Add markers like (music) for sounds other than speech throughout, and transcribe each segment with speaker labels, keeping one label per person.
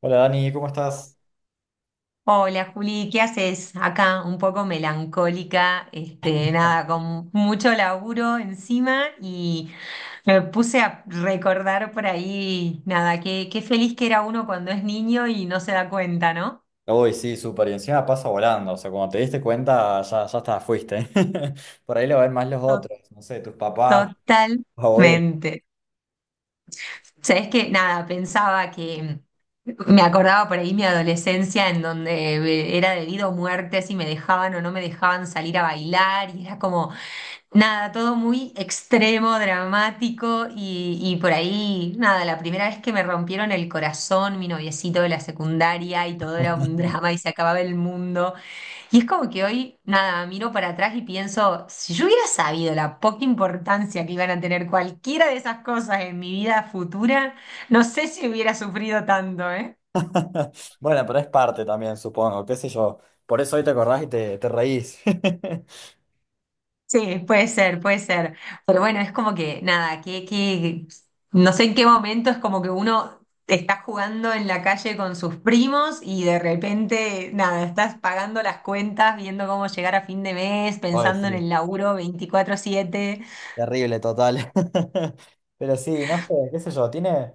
Speaker 1: Hola Dani, ¿cómo estás?
Speaker 2: Hola Juli, ¿qué haces? Acá un poco melancólica, nada, con mucho laburo encima y me puse a recordar por ahí, nada, qué feliz que era uno cuando es niño y no se da cuenta, ¿no?
Speaker 1: Uy, sí, súper. Y encima pasa volando. O sea, cuando te diste cuenta, ya, ya está, fuiste. (laughs) Por ahí lo ven más los
Speaker 2: To-
Speaker 1: otros. No sé, tus papás, tus abuelos.
Speaker 2: Totalmente. Sabes que nada, pensaba que me acordaba por ahí mi adolescencia en donde era debido a muerte si me dejaban o no me dejaban salir a bailar y era como nada, todo muy extremo, dramático y por ahí nada, la primera vez que me rompieron el corazón, mi noviecito de la secundaria y todo era un drama y se acababa el mundo. Y es como que hoy, nada, miro para atrás y pienso, si yo hubiera sabido la poca importancia que iban a tener cualquiera de esas cosas en mi vida futura, no sé si hubiera sufrido tanto, ¿eh?
Speaker 1: (laughs) Bueno, pero es parte también, supongo. ¿Qué sé yo? Por eso hoy te acordás y te reís. (laughs)
Speaker 2: Sí, puede ser, puede ser. Pero bueno, es como que, nada, no sé en qué momento es como que uno está jugando en la calle con sus primos y de repente, nada, estás pagando las cuentas, viendo cómo llegar a fin de mes,
Speaker 1: Uy,
Speaker 2: pensando en
Speaker 1: sí.
Speaker 2: el laburo 24/7.
Speaker 1: Terrible, total. (laughs) Pero sí, no sé, qué sé yo. Tiene.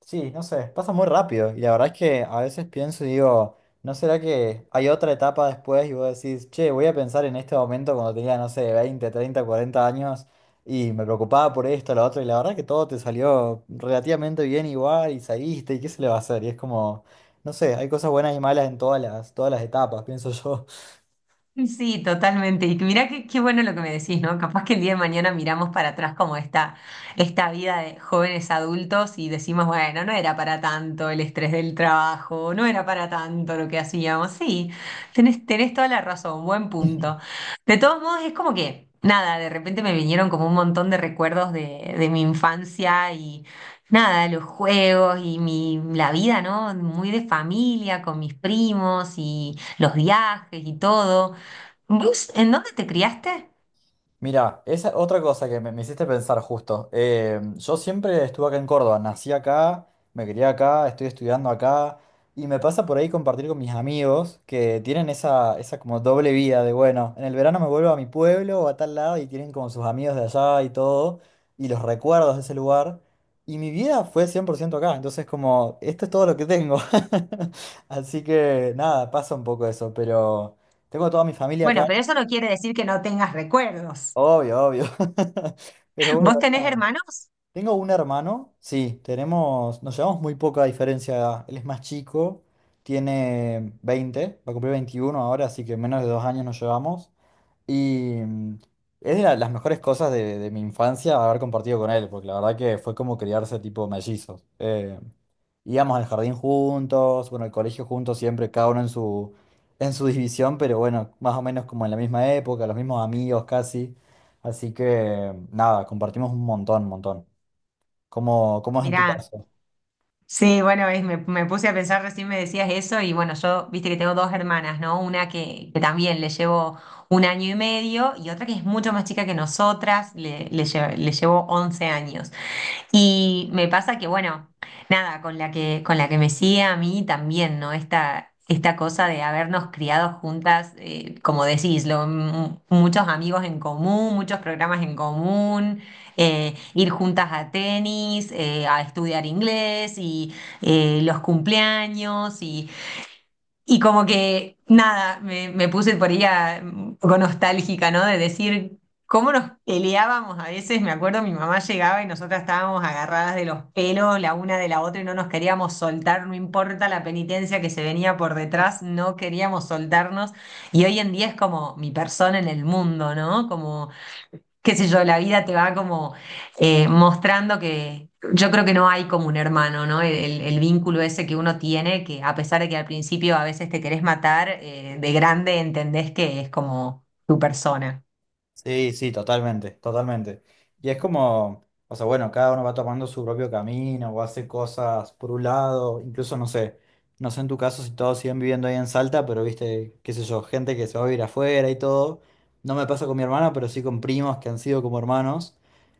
Speaker 1: Sí, no sé, pasa muy rápido y la verdad es que a veces pienso y digo, ¿no será que hay otra etapa después y vos decís, che, voy a pensar en este momento cuando tenía, no sé, 20, 30, 40 años y me preocupaba por esto, lo otro y la verdad que todo te salió relativamente bien igual y saliste y qué se le va a hacer? Y es como, no sé, hay cosas buenas y malas en todas las etapas, pienso yo.
Speaker 2: Sí, totalmente. Y mira qué, qué bueno lo que me decís, ¿no? Capaz que el día de mañana miramos para atrás como esta vida de jóvenes adultos y decimos, bueno, no era para tanto el estrés del trabajo, no era para tanto lo que hacíamos. Sí, tenés toda la razón, buen punto. De todos modos, es como que, nada, de repente me vinieron como un montón de recuerdos de mi infancia y nada, los juegos y mi, la vida, ¿no? Muy de familia, con mis primos y los viajes y todo. ¿Vos en dónde te criaste?
Speaker 1: Mira, esa otra cosa que me hiciste pensar justo. Yo siempre estuve acá en Córdoba, nací acá, me crié acá, estoy estudiando acá y me pasa por ahí compartir con mis amigos que tienen esa como doble vida de, bueno, en el verano me vuelvo a mi pueblo o a tal lado y tienen como sus amigos de allá y todo y los recuerdos de ese lugar. Y mi vida fue 100% acá, entonces como, esto es todo lo que tengo. (laughs) Así que nada, pasa un poco eso, pero tengo toda mi familia
Speaker 2: Bueno,
Speaker 1: acá.
Speaker 2: pero eso no quiere decir que no tengas recuerdos.
Speaker 1: Obvio, obvio. (laughs) Pero bueno,
Speaker 2: ¿Vos tenés
Speaker 1: nada.
Speaker 2: hermanos?
Speaker 1: Tengo un hermano, sí, tenemos, nos llevamos muy poca diferencia de edad. Él es más chico, tiene 20, va a cumplir 21 ahora, así que menos de dos años nos llevamos. Y es de las mejores cosas de mi infancia haber compartido con él, porque la verdad que fue como criarse tipo mellizos. Íbamos al jardín juntos, bueno, al colegio juntos siempre, cada uno en su, división, pero bueno, más o menos como en la misma época, los mismos amigos casi. Así que nada, compartimos un montón, montón. ¿Cómo es en tu
Speaker 2: Mirá,
Speaker 1: caso?
Speaker 2: sí, bueno, me puse a pensar, recién me decías eso y bueno, yo, viste que tengo dos hermanas, ¿no? Una que también le llevo un año y medio y otra que es mucho más chica que nosotras, le llevo 11 años. Y me pasa que, bueno, nada, con con la que me sigue a mí también, ¿no? Esta cosa de habernos criado juntas, como decís, muchos amigos en común, muchos programas en común, ir juntas a tenis, a estudiar inglés y los cumpleaños y como que, nada, me puse por ella un poco nostálgica, ¿no? De decir cómo nos peleábamos a veces. Me acuerdo, mi mamá llegaba y nosotras estábamos agarradas de los pelos la una de la otra y no nos queríamos soltar, no importa la penitencia que se venía por detrás, no queríamos soltarnos. Y hoy en día es como mi persona en el mundo, ¿no? Como qué sé yo, la vida te va como mostrando que yo creo que no hay como un hermano, ¿no? El vínculo ese que uno tiene, que a pesar de que al principio a veces te querés matar, de grande entendés que es como tu persona.
Speaker 1: Sí, sí, totalmente, totalmente. Y es como, o sea, bueno, cada uno va tomando su propio camino o hace cosas por un lado, incluso no sé en tu caso si todos siguen viviendo ahí en Salta, pero viste, qué sé yo, gente que se va a vivir afuera y todo. No me pasa con mi hermana, pero sí con primos que han sido como hermanos.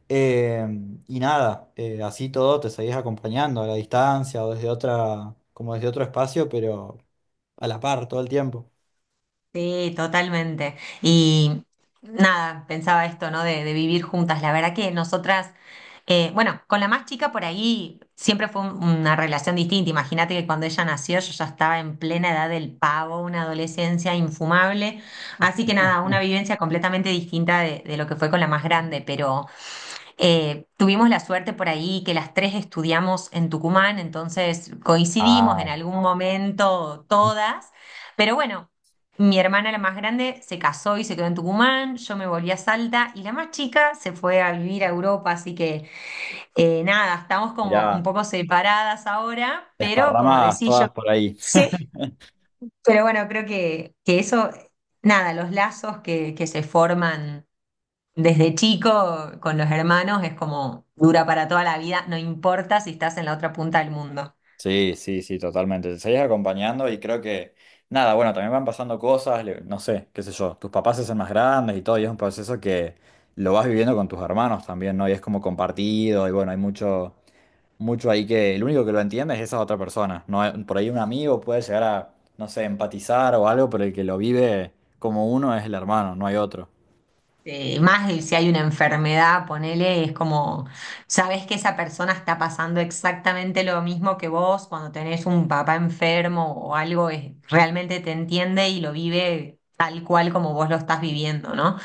Speaker 1: Eh, y nada, así todo te seguís acompañando a la distancia o desde otra, como desde otro espacio, pero a la par todo el tiempo.
Speaker 2: Sí, totalmente. Y nada, pensaba esto, ¿no? De vivir juntas. La verdad que nosotras, bueno, con la más chica por ahí siempre fue una relación distinta. Imagínate que cuando ella nació yo ya estaba en plena edad del pavo, una adolescencia infumable. Así que nada, una vivencia completamente distinta de lo que fue con la más grande, pero... Tuvimos la suerte por ahí que las tres estudiamos en Tucumán, entonces coincidimos
Speaker 1: Ah,
Speaker 2: en algún momento todas, pero bueno, mi hermana la más grande se casó y se quedó en Tucumán, yo me volví a Salta y la más chica se fue a vivir a Europa, así que nada, estamos como un
Speaker 1: mirá.
Speaker 2: poco separadas ahora, pero como
Speaker 1: Desparramadas
Speaker 2: decís yo,
Speaker 1: todas por ahí. (laughs)
Speaker 2: pero bueno, creo que eso, nada, los lazos que se forman desde chico, con los hermanos, es como dura para toda la vida, no importa si estás en la otra punta del mundo.
Speaker 1: Sí, sí, sí, totalmente. Te seguís acompañando y creo que, nada, bueno, también van pasando cosas, no sé, qué sé yo, tus papás se hacen más grandes y todo, y es un proceso que lo vas viviendo con tus hermanos también, ¿no? Y es como compartido, y bueno, hay mucho, mucho ahí que el único que lo entiende es esa otra persona, ¿no? Por ahí un amigo puede llegar a, no sé, empatizar o algo, pero el que lo vive como uno es el hermano, no hay otro.
Speaker 2: Más de si hay una enfermedad, ponele, es como, sabes que esa persona está pasando exactamente lo mismo que vos cuando tenés un papá enfermo o algo, realmente te entiende y lo vive tal cual como vos lo estás viviendo, ¿no?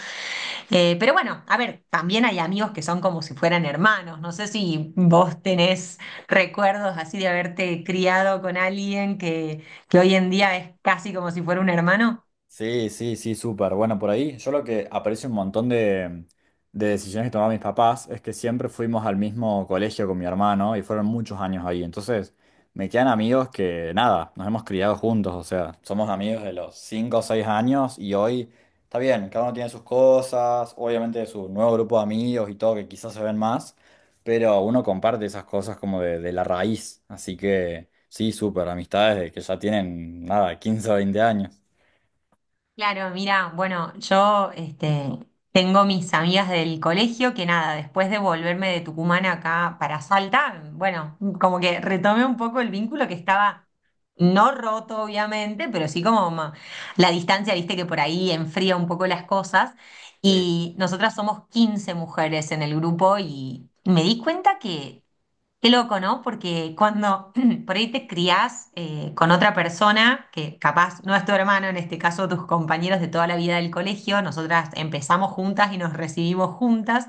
Speaker 2: Pero bueno, a ver, también hay amigos que son como si fueran hermanos. No sé si vos tenés recuerdos así de haberte criado con alguien que hoy en día es casi como si fuera un hermano.
Speaker 1: Sí, sí, sí, súper. Bueno, por ahí yo lo que aprecio un montón de decisiones que tomaban mis papás es que siempre fuimos al mismo colegio con mi hermano y fueron muchos años ahí. Entonces, me quedan amigos que nada, nos hemos criado juntos, o sea, somos amigos de los 5 o 6 años y hoy está bien, cada uno tiene sus cosas, obviamente su nuevo grupo de amigos y todo que quizás se ven más, pero uno comparte esas cosas como de, la raíz. Así que sí, súper, amistades de que ya tienen nada, 15, o 20 años.
Speaker 2: Claro, mira, bueno, tengo mis amigas del colegio que nada, después de volverme de Tucumán acá para Salta, bueno, como que retomé un poco el vínculo que estaba no roto, obviamente, pero sí como la distancia, viste que por ahí enfría un poco las cosas.
Speaker 1: Sí.
Speaker 2: Y nosotras somos 15 mujeres en el grupo y me di cuenta que, qué loco, ¿no? Porque cuando (clears throat) por ahí te criás con otra persona, que capaz no es tu hermano, en este caso tus compañeros de toda la vida del colegio, nosotras empezamos juntas y nos recibimos juntas,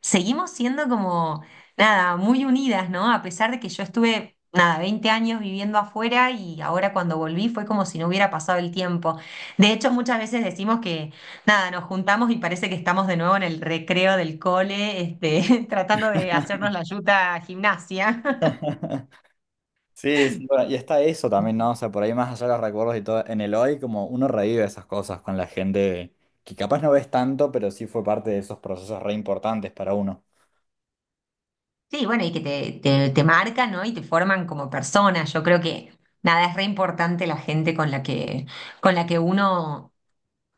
Speaker 2: seguimos siendo como, nada, muy unidas, ¿no? A pesar de que yo estuve, nada, 20 años viviendo afuera y ahora cuando volví fue como si no hubiera pasado el tiempo. De hecho, muchas veces decimos que nada, nos juntamos y parece que estamos de nuevo en el recreo del cole, (laughs) tratando de hacernos la yuta gimnasia. (laughs)
Speaker 1: (laughs) Sí, sí, bueno, y está eso también, ¿no? O sea, por ahí más allá de los recuerdos y todo, en el hoy como uno revive esas cosas con la gente que capaz no ves tanto, pero sí fue parte de esos procesos re importantes para uno.
Speaker 2: Sí, bueno, y que te marcan, ¿no? Y te forman como persona. Yo creo que nada, es re importante la gente con la que uno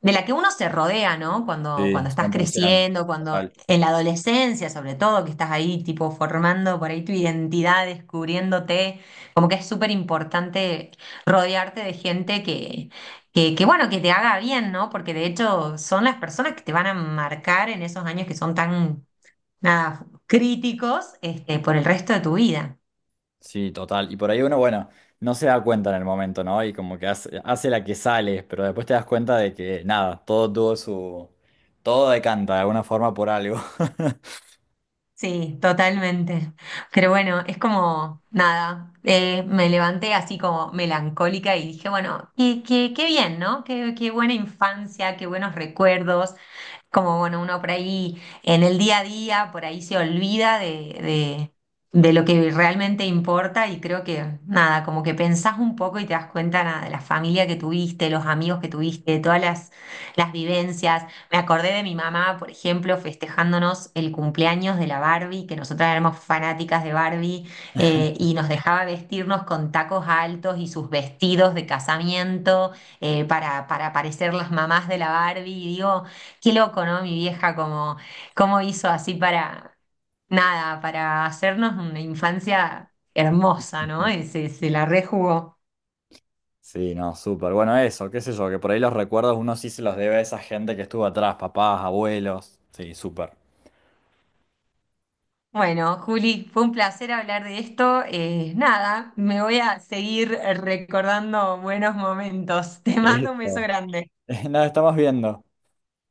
Speaker 2: de la que uno se rodea, ¿no?
Speaker 1: Sí,
Speaker 2: Cuando estás
Speaker 1: 100%.
Speaker 2: creciendo, cuando
Speaker 1: Total.
Speaker 2: en la adolescencia, sobre todo, que estás ahí tipo formando por ahí tu identidad, descubriéndote, como que es súper importante rodearte de gente que, bueno, que te haga bien, ¿no? Porque de hecho son las personas que te van a marcar en esos años que son tan, nada, críticos, por el resto de tu vida.
Speaker 1: Sí, total. Y por ahí uno, bueno, no se da cuenta en el momento, ¿no? Y como que hace la que sale, pero después te das cuenta de que nada, todo tuvo su... Todo decanta de alguna forma por algo.
Speaker 2: Sí, totalmente. Pero bueno, es como nada. Me levanté así como melancólica y dije, bueno, qué bien, ¿no? Qué buena infancia, qué buenos recuerdos como bueno, uno por ahí en el día a día, por ahí se olvida de lo que realmente importa y creo que nada, como que pensás un poco y te das cuenta nada, de la familia que tuviste, los amigos que tuviste, de todas las vivencias. Me acordé de mi mamá, por ejemplo, festejándonos el cumpleaños de la Barbie, que nosotras éramos fanáticas de Barbie y nos dejaba vestirnos con tacos altos y sus vestidos de casamiento para parecer las mamás de la Barbie. Y digo, qué loco, ¿no? Mi vieja, como, cómo hizo así para, nada, para hacernos una infancia hermosa, ¿no? Y
Speaker 1: (laughs)
Speaker 2: se la rejugó.
Speaker 1: Sí, no, súper. Bueno, eso, qué sé yo, que por ahí los recuerdos uno sí se los debe a esa gente que estuvo atrás, papás, abuelos. Sí, súper.
Speaker 2: Bueno, Juli, fue un placer hablar de esto. Nada, me voy a seguir recordando buenos momentos. (laughs) Te mando un beso
Speaker 1: Eso.
Speaker 2: grande.
Speaker 1: (laughs) Nos estamos viendo.